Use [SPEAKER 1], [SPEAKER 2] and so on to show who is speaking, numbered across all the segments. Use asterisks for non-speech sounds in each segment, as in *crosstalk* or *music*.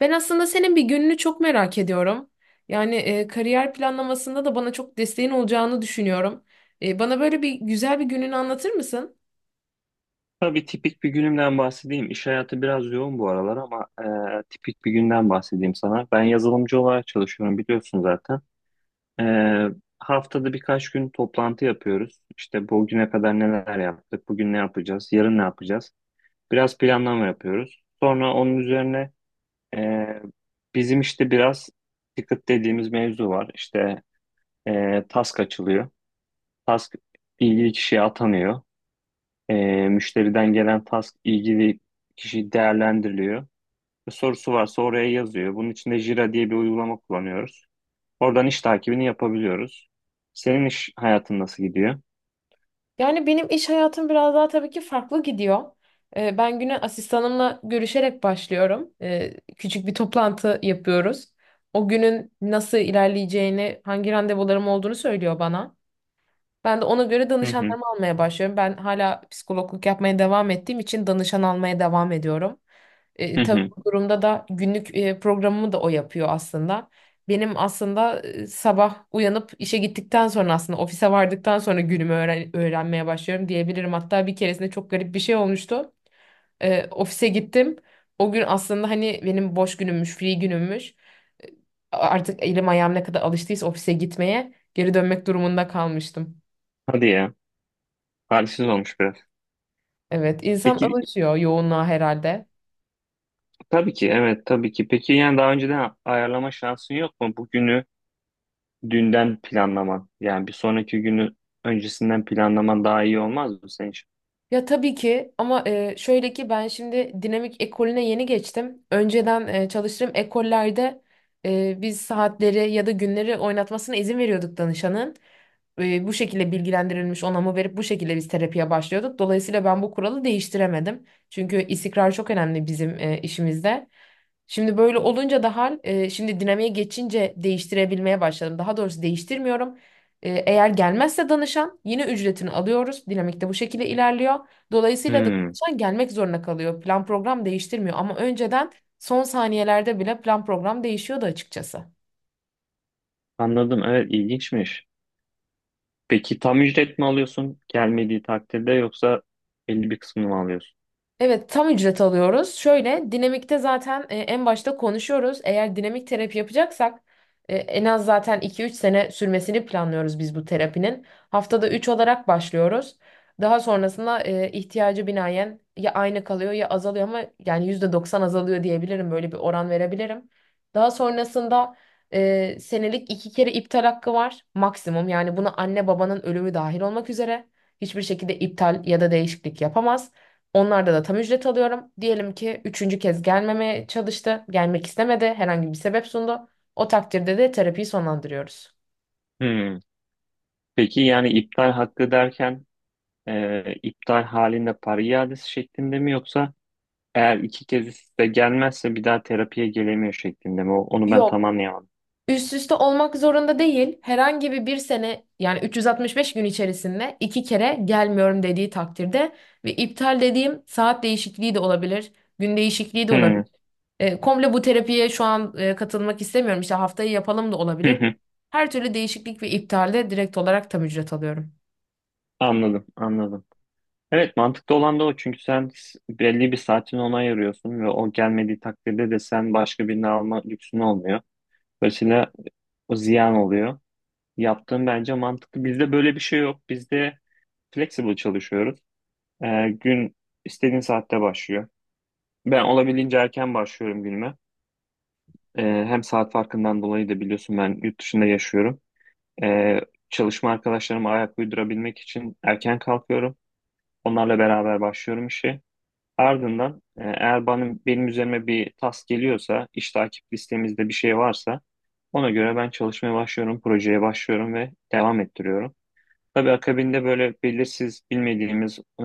[SPEAKER 1] Ben aslında senin bir gününü çok merak ediyorum. Yani kariyer planlamasında da bana çok desteğin olacağını düşünüyorum. Bana böyle bir güzel bir gününü anlatır mısın?
[SPEAKER 2] Tabii tipik bir günümden bahsedeyim. İş hayatı biraz yoğun bu aralar ama tipik bir günden bahsedeyim sana. Ben yazılımcı olarak çalışıyorum biliyorsun zaten. E, Haftada birkaç gün toplantı yapıyoruz. İşte bugüne kadar neler yaptık, bugün ne yapacağız, yarın ne yapacağız. Biraz planlama yapıyoruz. Sonra onun üzerine e, bizim işte biraz ticket dediğimiz mevzu var. İşte task açılıyor. Task ilgili kişiye atanıyor. E, Müşteriden gelen task ilgili kişi değerlendiriliyor. Ve sorusu varsa oraya yazıyor. Bunun için de Jira diye bir uygulama kullanıyoruz. Oradan iş takibini yapabiliyoruz. Senin iş hayatın nasıl gidiyor?
[SPEAKER 1] Yani benim iş hayatım biraz daha tabii ki farklı gidiyor. Ben güne asistanımla görüşerek başlıyorum. Küçük bir toplantı yapıyoruz. O günün nasıl ilerleyeceğini, hangi randevularım olduğunu söylüyor bana. Ben de ona göre
[SPEAKER 2] Hı hı,
[SPEAKER 1] danışanlarımı almaya başlıyorum. Ben hala psikologluk yapmaya devam ettiğim için danışan almaya devam ediyorum.
[SPEAKER 2] hı
[SPEAKER 1] Tabii
[SPEAKER 2] hı.
[SPEAKER 1] bu durumda da günlük programımı da o yapıyor aslında. Benim aslında sabah uyanıp işe gittikten sonra aslında ofise vardıktan sonra günümü öğrenmeye başlıyorum diyebilirim. Hatta bir keresinde çok garip bir şey olmuştu. Ofise gittim. O gün aslında hani benim boş günümmüş, free günümmüş. E, Artık elim ayağım ne kadar alıştıysa ofise gitmeye geri dönmek durumunda kalmıştım.
[SPEAKER 2] Hadi ya. Halsiz olmuş biraz.
[SPEAKER 1] Evet, insan
[SPEAKER 2] Peki,
[SPEAKER 1] alışıyor yoğunluğa herhalde.
[SPEAKER 2] tabii ki, evet tabii ki. Peki yani daha önceden ayarlama şansın yok mu? Bugünü dünden planlaman. Yani bir sonraki günü öncesinden planlaman daha iyi olmaz mı senin için?
[SPEAKER 1] Ya tabii ki ama şöyle ki ben şimdi dinamik ekolüne yeni geçtim. Önceden çalıştığım ekollerde biz saatleri ya da günleri oynatmasına izin veriyorduk danışanın. Bu şekilde bilgilendirilmiş onamı verip bu şekilde biz terapiye başlıyorduk. Dolayısıyla ben bu kuralı değiştiremedim. Çünkü istikrar çok önemli bizim işimizde. Şimdi böyle olunca da şimdi dinamiğe geçince değiştirebilmeye başladım. Daha doğrusu değiştirmiyorum. Eğer gelmezse danışan yine ücretini alıyoruz. Dinamik de bu şekilde ilerliyor. Dolayısıyla da
[SPEAKER 2] Hmm,
[SPEAKER 1] danışan gelmek zorunda kalıyor. Plan program değiştirmiyor ama önceden son saniyelerde bile plan program değişiyordu açıkçası.
[SPEAKER 2] anladım. Evet, ilginçmiş. Peki tam ücret mi alıyorsun gelmediği takdirde yoksa belli bir kısmını mı alıyorsun?
[SPEAKER 1] Evet, tam ücret alıyoruz. Şöyle, dinamikte zaten en başta konuşuyoruz. Eğer dinamik terapi yapacaksak en az zaten 2-3 sene sürmesini planlıyoruz biz bu terapinin. Haftada 3 olarak başlıyoruz. Daha sonrasında ihtiyacı binaen ya aynı kalıyor ya azalıyor ama yani %90 azalıyor diyebilirim. Böyle bir oran verebilirim. Daha sonrasında senelik 2 kere iptal hakkı var maksimum. Yani buna anne babanın ölümü dahil olmak üzere hiçbir şekilde iptal ya da değişiklik yapamaz. Onlarda da tam ücret alıyorum. Diyelim ki üçüncü kez gelmemeye çalıştı. Gelmek istemedi. Herhangi bir sebep sundu. O takdirde de terapiyi sonlandırıyoruz.
[SPEAKER 2] Hmm. Peki yani iptal hakkı derken iptal halinde para iadesi şeklinde mi yoksa eğer iki kez de gelmezse bir daha terapiye gelemiyor şeklinde mi? Onu ben tam
[SPEAKER 1] Yok.
[SPEAKER 2] anlayamadım.
[SPEAKER 1] Üst üste olmak zorunda değil. Herhangi bir sene, yani 365 gün içerisinde iki kere gelmiyorum dediği takdirde ve iptal dediğim saat değişikliği de olabilir, gün değişikliği de olabilir.
[SPEAKER 2] Hmm.
[SPEAKER 1] Komple bu terapiye şu an katılmak istemiyorum. İşte haftayı yapalım da olabilir.
[SPEAKER 2] *laughs*
[SPEAKER 1] Her türlü değişiklik ve iptalde direkt olarak tam ücret alıyorum.
[SPEAKER 2] Anladım, anladım. Evet, mantıklı olan da o, çünkü sen belli bir saatini ona ayırıyorsun ve o gelmediği takdirde de sen başka birini alma lüksün olmuyor. Dolayısıyla o ziyan oluyor. Yaptığım bence mantıklı. Bizde böyle bir şey yok. Bizde flexible çalışıyoruz. Gün istediğin saatte başlıyor. Ben olabildiğince erken başlıyorum günüme. Hem saat farkından dolayı da biliyorsun, ben yurt dışında yaşıyorum. Ee, Çalışma arkadaşlarıma ayak uydurabilmek için erken kalkıyorum. Onlarla beraber başlıyorum işe. Ardından eğer benim üzerime bir task geliyorsa, iş takip listemizde bir şey varsa ona göre ben çalışmaya başlıyorum, projeye başlıyorum ve devam ettiriyorum. Tabii akabinde böyle belirsiz, bilmediğimiz,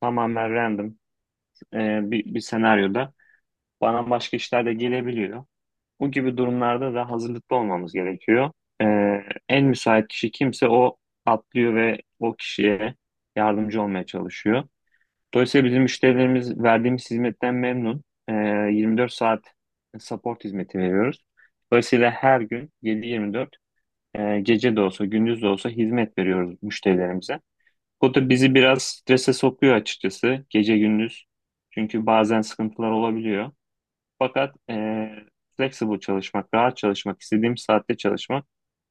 [SPEAKER 2] tamamen random bir senaryoda bana başka işler de gelebiliyor. Bu gibi durumlarda da hazırlıklı olmamız gerekiyor. E, En müsait kişi kimse o atlıyor ve o kişiye yardımcı olmaya çalışıyor. Dolayısıyla bizim müşterilerimiz verdiğimiz hizmetten memnun. E, 24 saat support hizmeti veriyoruz. Dolayısıyla her gün 7-24, gece de olsa gündüz de olsa hizmet veriyoruz müşterilerimize. O da bizi biraz strese sokuyor açıkçası, gece gündüz. Çünkü bazen sıkıntılar olabiliyor. Fakat flexible çalışmak, rahat çalışmak, istediğim saatte çalışmak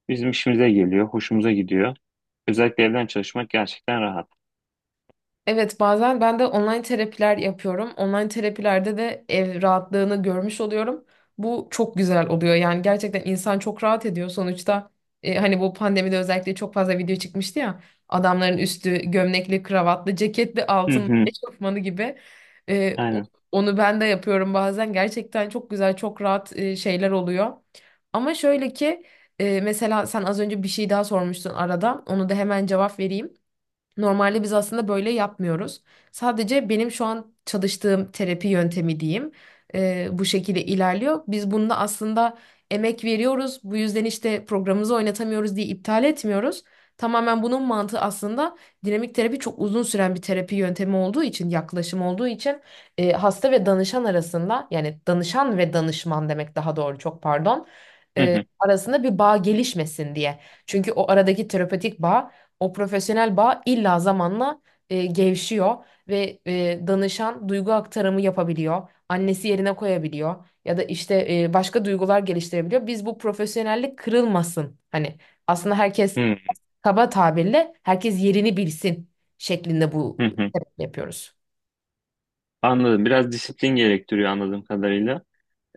[SPEAKER 2] bizim işimize geliyor, hoşumuza gidiyor. Özellikle evden çalışmak gerçekten rahat.
[SPEAKER 1] Evet, bazen ben de online terapiler yapıyorum. Online terapilerde de ev rahatlığını görmüş oluyorum. Bu çok güzel oluyor. Yani gerçekten insan çok rahat ediyor. Sonuçta hani bu pandemide özellikle çok fazla video çıkmıştı ya. Adamların üstü gömlekli, kravatlı, ceketli,
[SPEAKER 2] Hı
[SPEAKER 1] altın *laughs*
[SPEAKER 2] hı,
[SPEAKER 1] eşofmanı gibi. E, o-
[SPEAKER 2] aynen.
[SPEAKER 1] onu ben de yapıyorum bazen. Gerçekten çok güzel, çok rahat şeyler oluyor. Ama şöyle ki mesela sen az önce bir şey daha sormuştun arada. Onu da hemen cevap vereyim. Normalde biz aslında böyle yapmıyoruz. Sadece benim şu an çalıştığım terapi yöntemi diyeyim, bu şekilde ilerliyor. Biz bunda aslında emek veriyoruz. Bu yüzden işte programımızı oynatamıyoruz diye iptal etmiyoruz. Tamamen bunun mantığı aslında dinamik terapi çok uzun süren bir terapi yöntemi olduğu için, yaklaşım olduğu için hasta ve danışan arasında, yani danışan ve danışman demek daha doğru, çok pardon,
[SPEAKER 2] Hı hı,
[SPEAKER 1] arasında bir bağ gelişmesin diye. Çünkü o aradaki terapötik bağ, o profesyonel bağ illa zamanla gevşiyor ve danışan duygu aktarımı yapabiliyor. Annesi yerine koyabiliyor ya da işte başka duygular geliştirebiliyor. Biz bu profesyonellik kırılmasın, hani, aslında herkes,
[SPEAKER 2] hı
[SPEAKER 1] kaba tabirle, herkes yerini bilsin şeklinde bu
[SPEAKER 2] hı, hı.
[SPEAKER 1] yapıyoruz.
[SPEAKER 2] Anladım. Biraz disiplin gerektiriyor anladığım kadarıyla.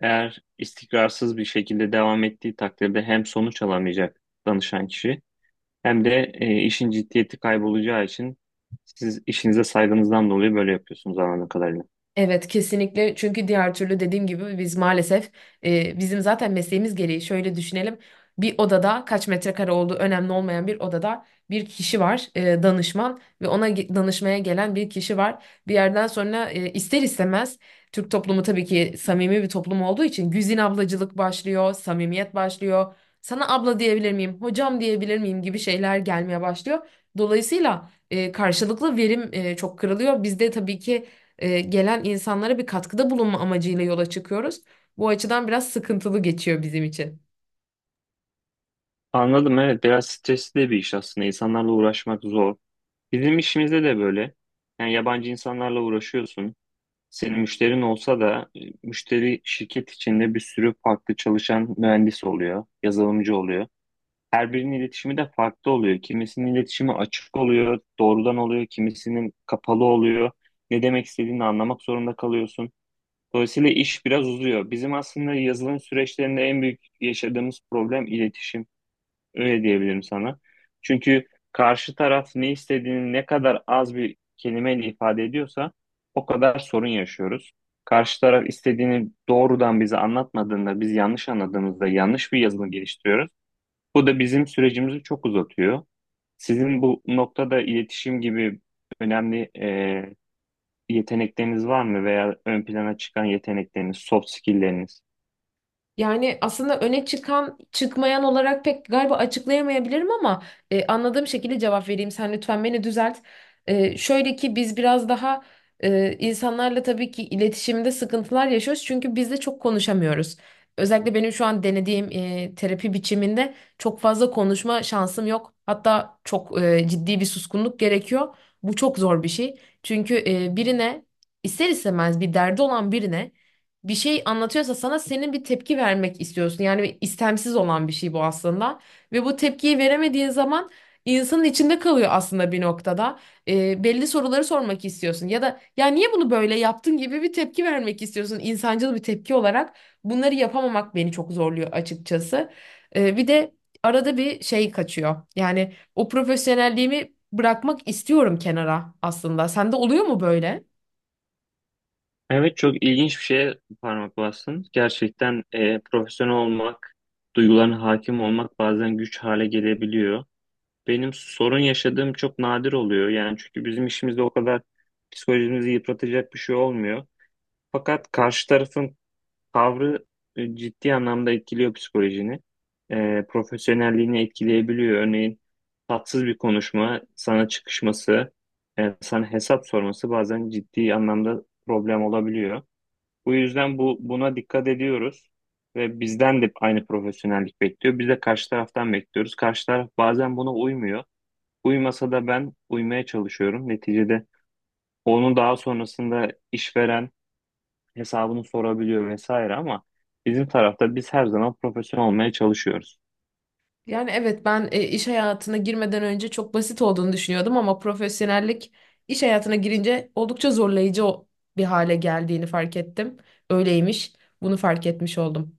[SPEAKER 2] Eğer istikrarsız bir şekilde devam ettiği takdirde hem sonuç alamayacak danışan kişi, hem de işin ciddiyeti kaybolacağı için siz işinize saygınızdan dolayı böyle yapıyorsunuz anladığım kadarıyla.
[SPEAKER 1] Evet, kesinlikle, çünkü diğer türlü, dediğim gibi, biz maalesef bizim zaten mesleğimiz gereği şöyle düşünelim: bir odada, kaç metrekare olduğu önemli olmayan bir odada bir kişi var, danışman, ve ona danışmaya gelen bir kişi var, bir yerden sonra ister istemez, Türk toplumu tabii ki samimi bir toplum olduğu için, güzin ablacılık başlıyor, samimiyet başlıyor, sana abla diyebilir miyim, hocam diyebilir miyim gibi şeyler gelmeye başlıyor, dolayısıyla karşılıklı verim çok kırılıyor bizde. Tabii ki gelen insanlara bir katkıda bulunma amacıyla yola çıkıyoruz. Bu açıdan biraz sıkıntılı geçiyor bizim için.
[SPEAKER 2] Anladım, evet biraz stresli de bir iş aslında. İnsanlarla uğraşmak zor. Bizim işimizde de böyle. Yani yabancı insanlarla uğraşıyorsun. Senin müşterin olsa da müşteri şirket içinde bir sürü farklı çalışan mühendis oluyor, yazılımcı oluyor. Her birinin iletişimi de farklı oluyor. Kimisinin iletişimi açık oluyor, doğrudan oluyor, kimisinin kapalı oluyor. Ne demek istediğini anlamak zorunda kalıyorsun. Dolayısıyla iş biraz uzuyor. Bizim aslında yazılım süreçlerinde en büyük yaşadığımız problem iletişim. Öyle diyebilirim sana. Çünkü karşı taraf ne istediğini ne kadar az bir kelimeyle ifade ediyorsa o kadar sorun yaşıyoruz. Karşı taraf istediğini doğrudan bize anlatmadığında, biz yanlış anladığımızda yanlış bir yazılım geliştiriyoruz. Bu da bizim sürecimizi çok uzatıyor. Sizin bu noktada iletişim gibi önemli yetenekleriniz var mı, veya ön plana çıkan yetenekleriniz, soft skill'leriniz?
[SPEAKER 1] Yani aslında öne çıkan çıkmayan olarak pek, galiba, açıklayamayabilirim ama anladığım şekilde cevap vereyim. Sen lütfen beni düzelt. Şöyle ki biz biraz daha insanlarla tabii ki iletişimde sıkıntılar yaşıyoruz çünkü biz de çok konuşamıyoruz. Özellikle benim şu an denediğim terapi biçiminde çok fazla konuşma şansım yok. Hatta çok ciddi bir suskunluk gerekiyor. Bu çok zor bir şey. Çünkü birine, ister istemez bir derdi olan birine bir şey anlatıyorsa sana, senin bir tepki vermek istiyorsun. Yani istemsiz olan bir şey bu aslında. Ve bu tepkiyi veremediğin zaman insanın içinde kalıyor aslında bir noktada. Belli soruları sormak istiyorsun ya da ya niye bunu böyle yaptın gibi bir tepki vermek istiyorsun, insancıl bir tepki olarak. Bunları yapamamak beni çok zorluyor açıkçası. Bir de arada bir şey kaçıyor. Yani o profesyonelliğimi bırakmak istiyorum kenara aslında. Sende oluyor mu böyle?
[SPEAKER 2] Evet, çok ilginç bir şeye parmak bastın. Gerçekten profesyonel olmak, duygularına hakim olmak bazen güç hale gelebiliyor. Benim sorun yaşadığım çok nadir oluyor. Yani çünkü bizim işimizde o kadar psikolojimizi yıpratacak bir şey olmuyor. Fakat karşı tarafın tavrı ciddi anlamda etkiliyor psikolojini. Profesyonelliğini etkileyebiliyor. Örneğin tatsız bir konuşma, sana çıkışması, sana hesap sorması bazen ciddi anlamda problem olabiliyor. Bu yüzden buna dikkat ediyoruz ve bizden de aynı profesyonellik bekliyor. Biz de karşı taraftan bekliyoruz. Karşı taraf bazen buna uymuyor. Uymasa da ben uymaya çalışıyorum. Neticede onu daha sonrasında işveren hesabını sorabiliyor vesaire, ama bizim tarafta biz her zaman profesyonel olmaya çalışıyoruz.
[SPEAKER 1] Yani evet, ben iş hayatına girmeden önce çok basit olduğunu düşünüyordum ama profesyonellik iş hayatına girince oldukça zorlayıcı bir hale geldiğini fark ettim. Öyleymiş. Bunu fark etmiş oldum.